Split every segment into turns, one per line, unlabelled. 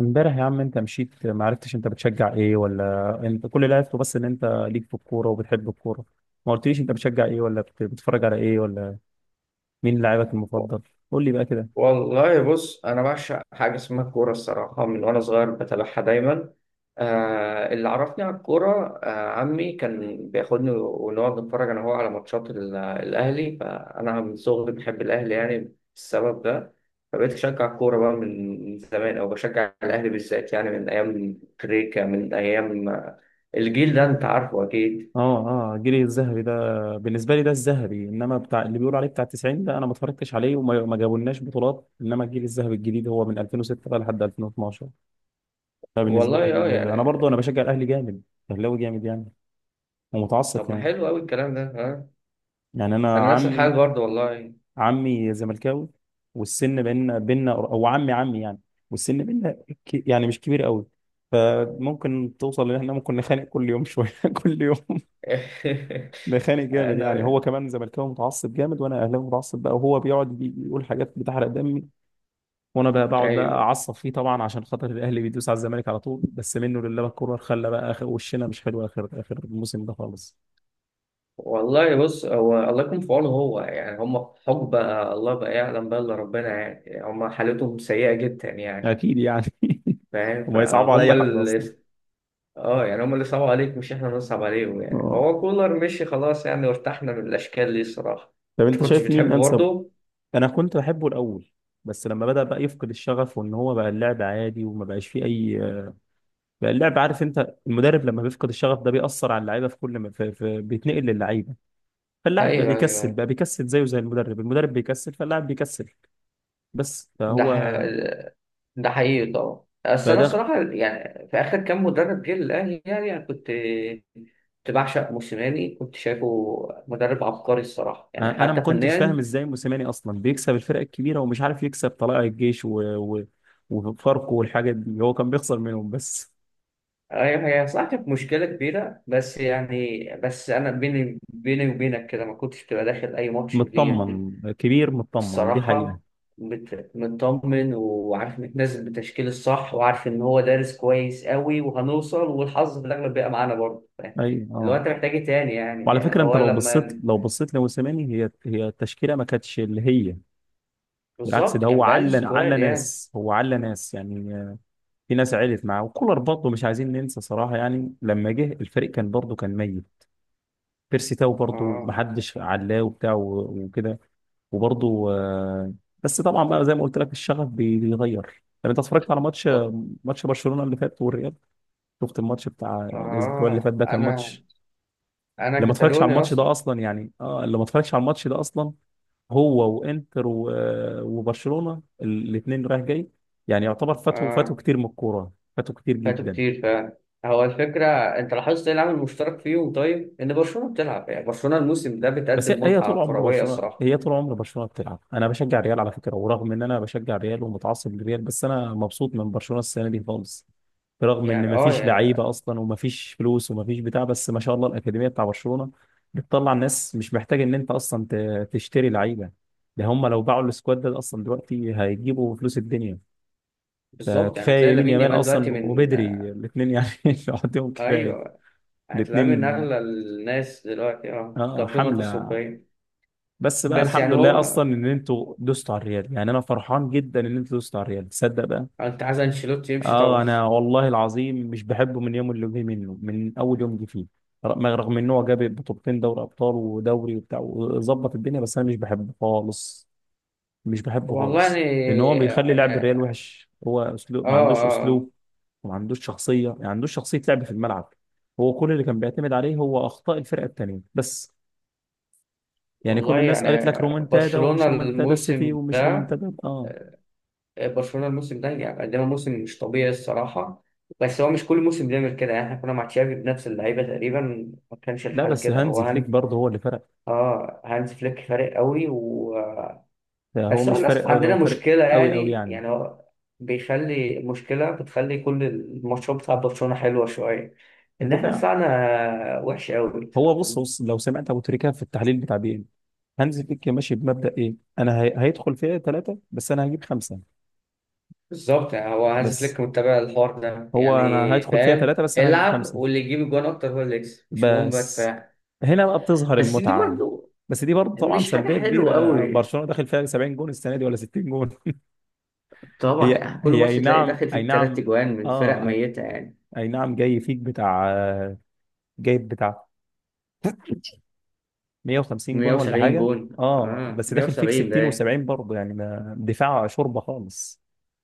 امبارح يا عم انت مشيت، ما عرفتش انت بتشجع ايه، ولا انت كل اللي عرفته بس ان انت ليك في الكوره وبتحب الكوره. ما قلتليش انت بتشجع ايه، ولا بتتفرج على ايه، ولا مين لاعبك المفضل؟ قول لي بقى كده.
والله بص انا بعشق حاجه اسمها الكوره الصراحه من وانا صغير بتابعها دايما. آه اللي عرفني على الكوره عمي كان بياخدني ونقعد نتفرج انا وهو على ماتشات الاهلي، فانا من صغري بحب الاهلي يعني السبب ده. فبقيت اشجع الكوره بقى من زمان او بشجع الاهلي بالذات يعني من ايام كريكا، من ايام الجيل ده انت عارفه اكيد.
اه، الجيل الذهبي ده بالنسبه لي ده الذهبي. انما بتاع اللي بيقولوا عليه بتاع 90 ده انا ما اتفرجتش عليه، وما ما جابولناش بطولات. انما الجيل الذهبي الجديد هو من 2006 بقى لحد 2012.
والله
فبالنسبه لي
اه يعني.
انا برضه بشجع الاهلي جامد. اهلاوي جامد يعني، ومتعصب
طب ما
كمان.
حلو قوي الكلام ده، ها.
يعني انا
انا نفس الحاجه
عمي
برضه والله.
عمي زملكاوي. والسن بيننا، او عمي يعني. والسن بيننا يعني مش كبير قوي. فممكن توصل ان احنا ممكن نخانق كل يوم شويه، كل يوم نخانق جامد. يعني
انا
هو كمان زملكاوي متعصب جامد، وانا اهلاوي متعصب بقى. وهو بيقعد بيقول حاجات بتحرق دمي. وانا بقى بقعد بقى
ايوه.
اعصب فيه طبعا، عشان خاطر الاهلي بيدوس على الزمالك على طول. بس منه لله الكوره، خلى بقى اخر وشنا مش حلو اخر الموسم ده خالص.
والله بص، هو الله يكون في عونه، هو يعني هم في حقبه الله بقى يعلم بقى الا ربنا، يعني هم حالتهم سيئه جدا يعني.
اكيد يعني.
فاهم
وما يصعبوا على
فهم
اي حد اصلا.
اللي. اه يعني هم اللي صعبوا عليك مش احنا اللي نصعب عليهم يعني،
اه.
فهو كولر مشي خلاص يعني وارتحنا من الاشكال دي الصراحه.
طب
انت
انت
كنتش
شايف مين
بتحبه
انسب؟
برضه؟
انا كنت بحبه الاول، بس لما بدأ بقى يفقد الشغف، وان هو بقى اللعب عادي، وما بقاش فيه اي. بقى اللعب، عارف انت المدرب لما بيفقد الشغف ده بيأثر على اللعيبه في كل ما بيتنقل للعيبه. فاللاعب بقى
ايوه
بيكسل
ايوه.
بقى بيكسل زيه زي المدرب بيكسل فاللاعب بيكسل. بس
ده ح...
فهو
ده حقيقي طبعا، بس انا
فده،
الصراحه يعني في اخر كام مدرب جه للاهلي يعني انا كنت، كنت بعشق موسيماني، كنت شايفه مدرب عبقري الصراحه يعني
انا ما
حتى
كنتش فاهم
فنيا.
ازاي موسيماني اصلا بيكسب الفرق الكبيره، ومش عارف يكسب طلائع الجيش و... وفاركو والحاجات دي، هو كان بيخسر منهم بس.
هي صح، كانت مشكله كبيره، بس يعني بس انا بيني بيني وبينك كده ما كنتش بتبقى داخل اي ماتش كبير
مطمن كبير، مطمن دي حقيقه.
الصراحه. مطمن وعارف متنازل بالتشكيل الصح وعارف ان هو دارس كويس قوي وهنوصل والحظ في الاغلب بيبقى معانا برضه، فاهم؟
اي
اللي هو
اه.
انت محتاج إيه تاني يعني،
وعلى
يعني
فكره، انت
هو
لو
لما.
بصيت لو بصيت لموسيماني، هي التشكيله ما كانتش اللي هي. بالعكس
بالظبط،
ده هو
كان بقالي
على
سكواد يعني.
ناس، هو على ناس يعني. في ناس علت معاه. وكولر برضه مش عايزين ننسى صراحه، يعني لما جه الفريق كان برضه كان ميت. بيرسي تاو برضه ما
اه.
حدش علاه وبتاع وكده وبرضه بس طبعا بقى زي ما قلت لك الشغف بيغير. طب انت اتفرجت على ماتش
بط-
ماتش برشلونه اللي فات والريال؟ شفت الماتش بتاع الاسبوع اللي
اه
فات ده؟ كان
انا،
ماتش.
انا
اللي ما اتفرجش على
كتالوني
الماتش ده
اصلا.
اصلا يعني، اه، اللي ما اتفرجش على الماتش ده اصلا. هو وانتر وبرشلونه الاثنين رايح جاي. يعني يعتبر فاتوا
اه
كتير من الكوره، فاتوا كتير
فاتوا
جدا.
كتير فعلا. هو الفكره، انت لاحظت ايه العامل المشترك فيهم؟ طيب، ان برشلونه بتلعب يعني برشلونه الموسم ده
بس هي
بتقدم
هي طول
متعه
عمر
كرويه
برشلونه
الصراحه.
هي طول عمر برشلونه بتلعب. انا بشجع الريال على فكره. ورغم ان انا بشجع الريال ومتعصب للريال، بس انا مبسوط من برشلونه السنه دي خالص. برغم ان
يعني اه
مفيش
يا-.
لعيبه اصلا ومفيش فلوس ومفيش بتاع، بس ما شاء الله الاكاديميه بتاع برشلونه بتطلع ناس. مش محتاج ان انت اصلا تشتري لعيبه. ده هم لو باعوا السكواد ده اصلا دلوقتي هيجيبوا فلوس الدنيا. ده
بالظبط، يعني
كفايه
هتلاقي
يمين
لامين
يامال
يامال دلوقتي
اصلا
من.
وبدري الاثنين يعني، لوحدهم كفايه
ايوه، هتلاقيه من
الاثنين.
اغلى الناس دلوقتي اه
اه
كقيمه
حمله.
تسويقيه.
بس بقى
بس
الحمد
يعني
لله
هو،
اصلا ان انتوا دوستوا على الريال، يعني انا فرحان جدا ان انتوا دوستوا على الريال، تصدق بقى.
انت عايز انشيلوتي يمشي
اه.
طبعا.
انا والله العظيم مش بحبه من يوم اللي جه منه، من اول يوم جه فيه. رغم ان هو جاب بطولتين دوري ابطال ودوري وبتاع وظبط الدنيا، بس انا مش بحبه خالص. مش بحبه
والله
خالص لان هو بيخلي لعب الريال
يعني
وحش. هو اسلوب
اه
ما عندوش
اه آه.
اسلوب، وما عندوش شخصيه، يعني ما عندوش شخصيه لعب في الملعب. هو كل اللي كان بيعتمد عليه هو اخطاء الفرقه التانيه بس. يعني كل
والله
الناس
يعني
قالت لك رومنتادا
برشلونة
ومش رومنتادا السيتي،
الموسم
ومش
ده،
رومنتادا اه.
برشلونة الموسم ده يعني قدم موسم مش طبيعي الصراحة. بس هو مش كل موسم بيعمل كده، يعني احنا كنا مع تشافي بنفس اللعيبة تقريبا، ما كانش
لا
الحال
بس
كده. هو
هانز فليك
هان
برضه هو اللي فرق.
اه، هانز فليك فارق قوي
ده هو
بس هو
مش فارق
للأسف
قوي، ده هو
عندنا
فارق
مشكلة،
قوي قوي
يعني
يعني.
يعني هو بيخلي مشكلة بتخلي كل الماتشات بتاع برشلونة حلوة شوية، إن إحنا
الدفاع.
دفاعنا وحش قوي.
هو بص بص لو سمعت ابو تريكه في التحليل بتاع بي ان، هانز فليك ماشي بمبدأ ايه؟ انا هيدخل فيها ثلاثة، بس انا هجيب خمسة.
بالظبط، يعني هو هانز
بس
فليك متابع الحوار ده
هو
يعني.
انا هدخل فيها
فاهم،
ثلاثة، بس انا هجيب
العب
خمسة.
واللي يجيب الجوان اكتر هو اللي يكسب، مش مهم بقى
بس
دفاع.
هنا بقى بتظهر
بس دي
المتعة.
برضو
بس دي برضه طبعا
مش حاجة
سلبية
حلوة
كبيرة.
قوي،
برشلونة داخل فيها 70 جون السنة دي، ولا 60 جون.
طبعا
هي
يعني كل
هي
ماتش
اي
تلاقي
نعم،
داخل
اي
فيك تلات
نعم،
جوان من فرق
اه، اي،
ميتة يعني.
أي نعم. جاي فيك بتاع، جايب بتاع 150 جون ولا
170
حاجة.
جون،
اه،
اه
بس داخل فيك
170 ده إيه؟
60 و70 برضه، يعني ما دفاع شوربة خالص.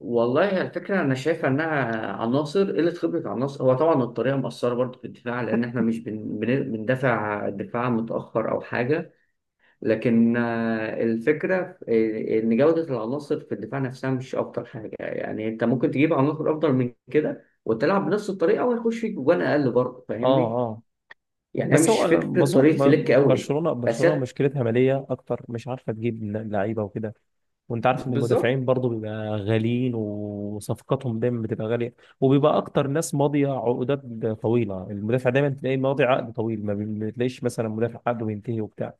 والله الفكرة أنا شايفة إنها عناصر قلة خبرة، عناصر، هو طبعا الطريقة مؤثرة برضه في الدفاع لأن إحنا مش بندافع دفاع متأخر أو حاجة، لكن الفكرة إن جودة العناصر في الدفاع نفسها مش أفضل حاجة، يعني أنت ممكن تجيب عناصر أفضل من كده وتلعب بنفس الطريقة ويخش فيك جوان أقل برضه،
اه
فاهمني؟
اه
يعني هي
بس
مش
هو
فكرة
بظن
طريقة فليك قوي.
برشلونة
بس
برشلونة
هي-.
مشكلتها مالية اكتر، مش عارفة تجيب لعيبة وكده. وانت عارف ان المدافعين
بالظبط
برضو بيبقى غاليين، وصفقاتهم دايما بتبقى غاليه. وبيبقى اكتر ناس ماضيه عقودات طويله. المدافع دايما تلاقيه ماضي عقد طويل، ما بتلاقيش مثلا مدافع عقده بينتهي وبتاع.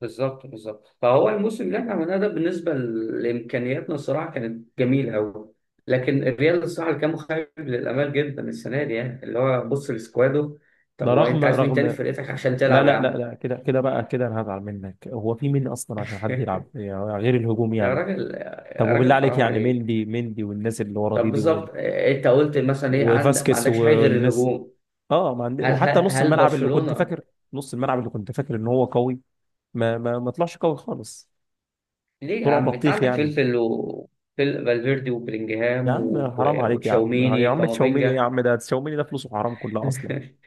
بالظبط بالظبط، فهو الموسم اللي احنا عملناه ده بالنسبة لإمكانياتنا الصراحة كانت جميلة أوي. لكن الريال الصراحة اللي كان مخيب للآمال جدا السنة دي، يعني اللي هو بص لسكواده. طب
ده
هو،
رغم
أنت عايز مين
رغم
تاني في فرقتك عشان
لا
تلعب يا
لا لا
عم؟
لا، كده كده بقى كده انا هزعل منك. هو في مين اصلا عشان حد يلعب، يعني غير الهجوم
يا
يعني.
راجل
طب
يا
وبالله
راجل
عليك،
حرام
يعني
عليك.
مندي مندي والناس اللي ورا دي
طب
دي
بالظبط إيه، انت قلت مثلا ايه، عندك ما
وفاسكيز
عندكش حاجه غير
والناس.
الهجوم؟
اه، ما عندي.
هل
وحتى
هل برشلونه.
نص الملعب اللي كنت فاكر ان هو قوي، ما طلعش قوي خالص.
ليه يا
طلع
عم، انت
بطيخ
عندك
يعني.
فلفل و فالفيردي
يا
وبلينجهام
عم حرام عليك، يا عم يا
وتشاوميني
عم تشاوميني، يا
كامافينجا.
عم ده تشاوميني ده فلوسه حرام كلها اصلا.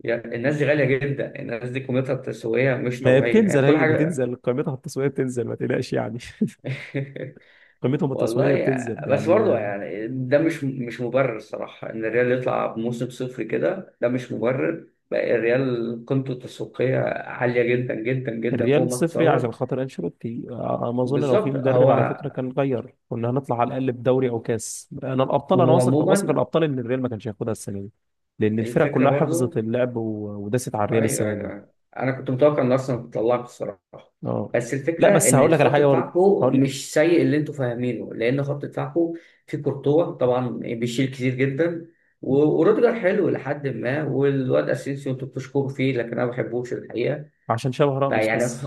يعني الناس دي غاليه جدا، الناس دي قيمتها التسويقيه مش
ما هي
طبيعيه
بتنزل
يعني كل
هي
حاجه.
بتنزل قيمتها التسويقيه بتنزل، ما تقلقش يعني. قيمتهم
والله
التسويقيه
يا-،
بتنزل
بس
يعني
برضه يعني ده مش مبرر الصراحة، إن الريال يطلع بموسم صفر كده ده مش مبرر بقى، الريال قيمته التسويقية عالية جدا جدا جدا فوق
الريال
ما
صفري عشان
تتصور.
خاطر انشيلوتي. ما اظن لو في
بالظبط
مدرب
هو،
على فكره كان غير، كنا هنطلع على الاقل بدوري او كاس، انا الابطال، انا واثق واثق
وعموما
الابطال ان الريال ما كانش هياخدها السنه دي. لان الفرق
الفكرة
كلها حفظت
برضه.
اللعب وداست على الريال
ايوه
السنه دي.
ايوه أيوة. انا كنت متوقع ان اصلا تطلعك الصراحه.
اه.
بس
لا
الفكره
بس هقول
ان
لك على
خط
حاجه برضه،
دفاعكم
هقول لك
مش سيء اللي انتوا فاهمينه، لان خط دفاعكم في كورتوا طبعا بيشيل كتير جدا، وروديجر حلو لحد ما، والواد اسينسيو انتوا بتشكروا فيه لكن انا ما بحبوش الحقيقه.
عشان شبه راموس
فيعني
بس.
خ...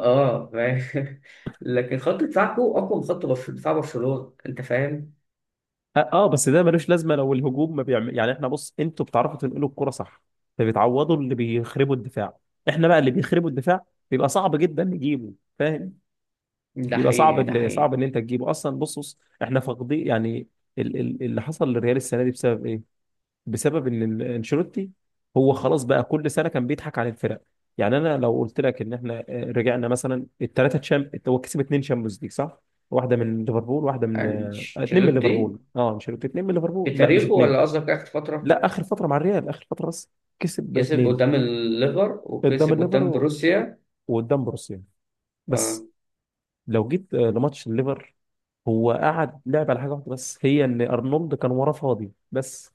اه فاهم، لكن خط دفاعكم اقوى من خط دفاع برشلونه، انت فاهم.
اه بس ده ملوش لازمه لو الهجوم ما بيعمل يعني. احنا بص، انتوا بتعرفوا تنقلوا الكرة صح، فبتعوضوا اللي بيخربوا الدفاع. احنا بقى اللي بيخربوا الدفاع بيبقى صعب جدا نجيبه. فاهم؟
ده
بيبقى صعب.
حقيقي ده
اللي صعب
حقيقي.
ان انت تجيبه اصلا. بص بص احنا فاقدين يعني اللي حصل للريال السنه دي بسبب ايه؟ بسبب ان انشيلوتي. هو خلاص بقى كل سنه كان بيضحك على الفرق. يعني انا لو قلت لك ان احنا رجعنا مثلا الثلاثه تشام، هو كسب اثنين شامبيونز ليج صح؟ واحده من ليفربول، واحده من اتنين من
انشيلوتي
ليفربول، اه انشيلوتي اتنين من
في
ليفربول، لا مش
تاريخه
اتنين.
ولا قصدك اخر فتره؟
لا اخر فتره، مع الريال اخر فتره بس كسب
كسب
اتنين.
قدام الليفر
قدام
وكسب
الليفر
قدام بروسيا.
وقدام بروسيا
اه
بس. لو جيت لماتش الليفر، هو قعد لعب على حاجه واحده بس، هي ان ارنولد كان وراه فاضي بس.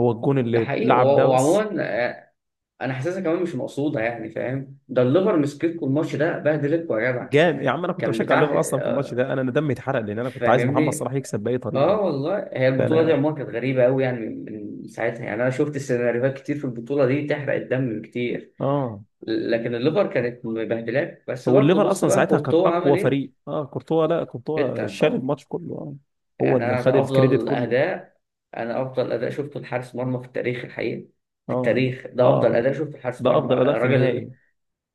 هو الجون
ده
اللي
حقيقي
اتلعب ده بس.
وعموما آه، انا حاسسها كمان مش مقصوده، يعني فاهم، ده الليفر مسكتكم الماتش ده بهدلتكم يا جدع.
جام يا عم، انا كنت
كان
بشجع
بتاع
الليفر اصلا في الماتش ده، انا دمي اتحرق، لان انا كنت عايز محمد
فاهمني.
صلاح يكسب باي طريقه
اه والله هي البطوله دي
فانا.
عموما كانت غريبه قوي، يعني من، من ساعتها يعني انا شفت سيناريوهات كتير في البطوله دي تحرق الدم كتير.
اه.
لكن الليفر كانت مبهدلاك، بس
هو
برضه
الليفر
بص
اصلا
بقى
ساعتها كانت
كورتوا عمل
اقوى
ايه؟
فريق. اه كورتوا، لا كورتوا
جدا
شال
طبعا،
الماتش كله. اه. هو
يعني
اللي
انا
خد
ده
الكريدت
افضل
كله.
اداء، انا افضل اداء شفته لحارس مرمى في التاريخ الحقيقي، في
اه
التاريخ ده افضل
اه
اداء شفته لحارس
ده
مرمى
افضل اداء في
راجل.
نهائي.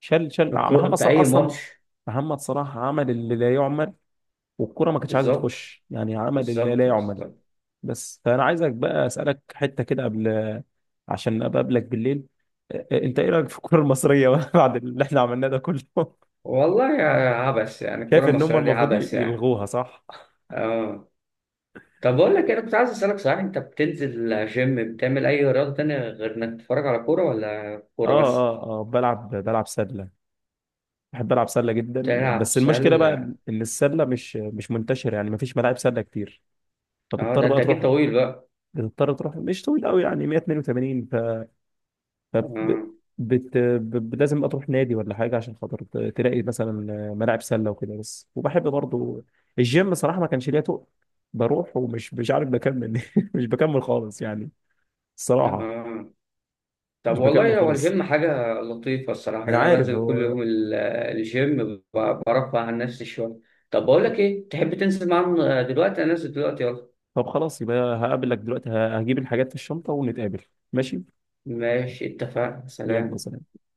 شال شال محمد
في
صلاح
اي
اصلا.
ماتش.
محمد صلاح عمل اللي لا يعمل، والكره ما كانتش عايزه
بالظبط
تخش. يعني عمل اللي لا
بالظبط
يعمل.
بالظبط
بس فانا عايزك بقى اسالك حته كده قبل، عشان ابقى اقابلك بالليل. انت ايه رايك في الكره المصريه بعد اللي احنا عملناه ده كله؟
والله يا عبس، يعني الكره
شايف ان هم
المصريه دي
المفروض
عبس يعني.
يلغوها صح؟
اه طب بقول لك إيه، انا كنت عايز اسالك صحيح، انت بتنزل جيم بتعمل اي رياضه تانية غير انك تتفرج على كوره ولا كوره
اه.
بس؟
اه. اه. بلعب سله. بحب العب سله جدا،
تلعب
بس المشكله بقى
سله؟
ان السله مش منتشره يعني، مفيش ملاعب سله كتير.
اه
فبتضطر
ده انت
بقى
اكيد
تروح.
طويل بقى.
بتضطر تروح مش طويل قوي يعني 182. طب
اه
لازم اروح نادي ولا حاجه عشان خاطر تلاقي مثلا ملاعب سله وكده بس. وبحب برضو الجيم صراحه، ما كانش ليا تقل. بروح ومش مش عارف بكمل. مش بكمل خالص يعني، الصراحه.
اه. طب
مش بكمل
والله هو
خالص.
الجيم حاجة لطيفة الصراحة،
ما انا
يعني أنا
عارف
بنزل كل
هو.
يوم الجيم، برفع عن نفسي شوية. طب بقول لك إيه، تحب تنزل معانا دلوقتي؟ أنا نازل دلوقتي، يلا.
طب خلاص، يبقى هقابلك دلوقتي، هجيب الحاجات في الشنطه ونتقابل. ماشي.
ماشي اتفقنا،
يلا
سلام.
سلام.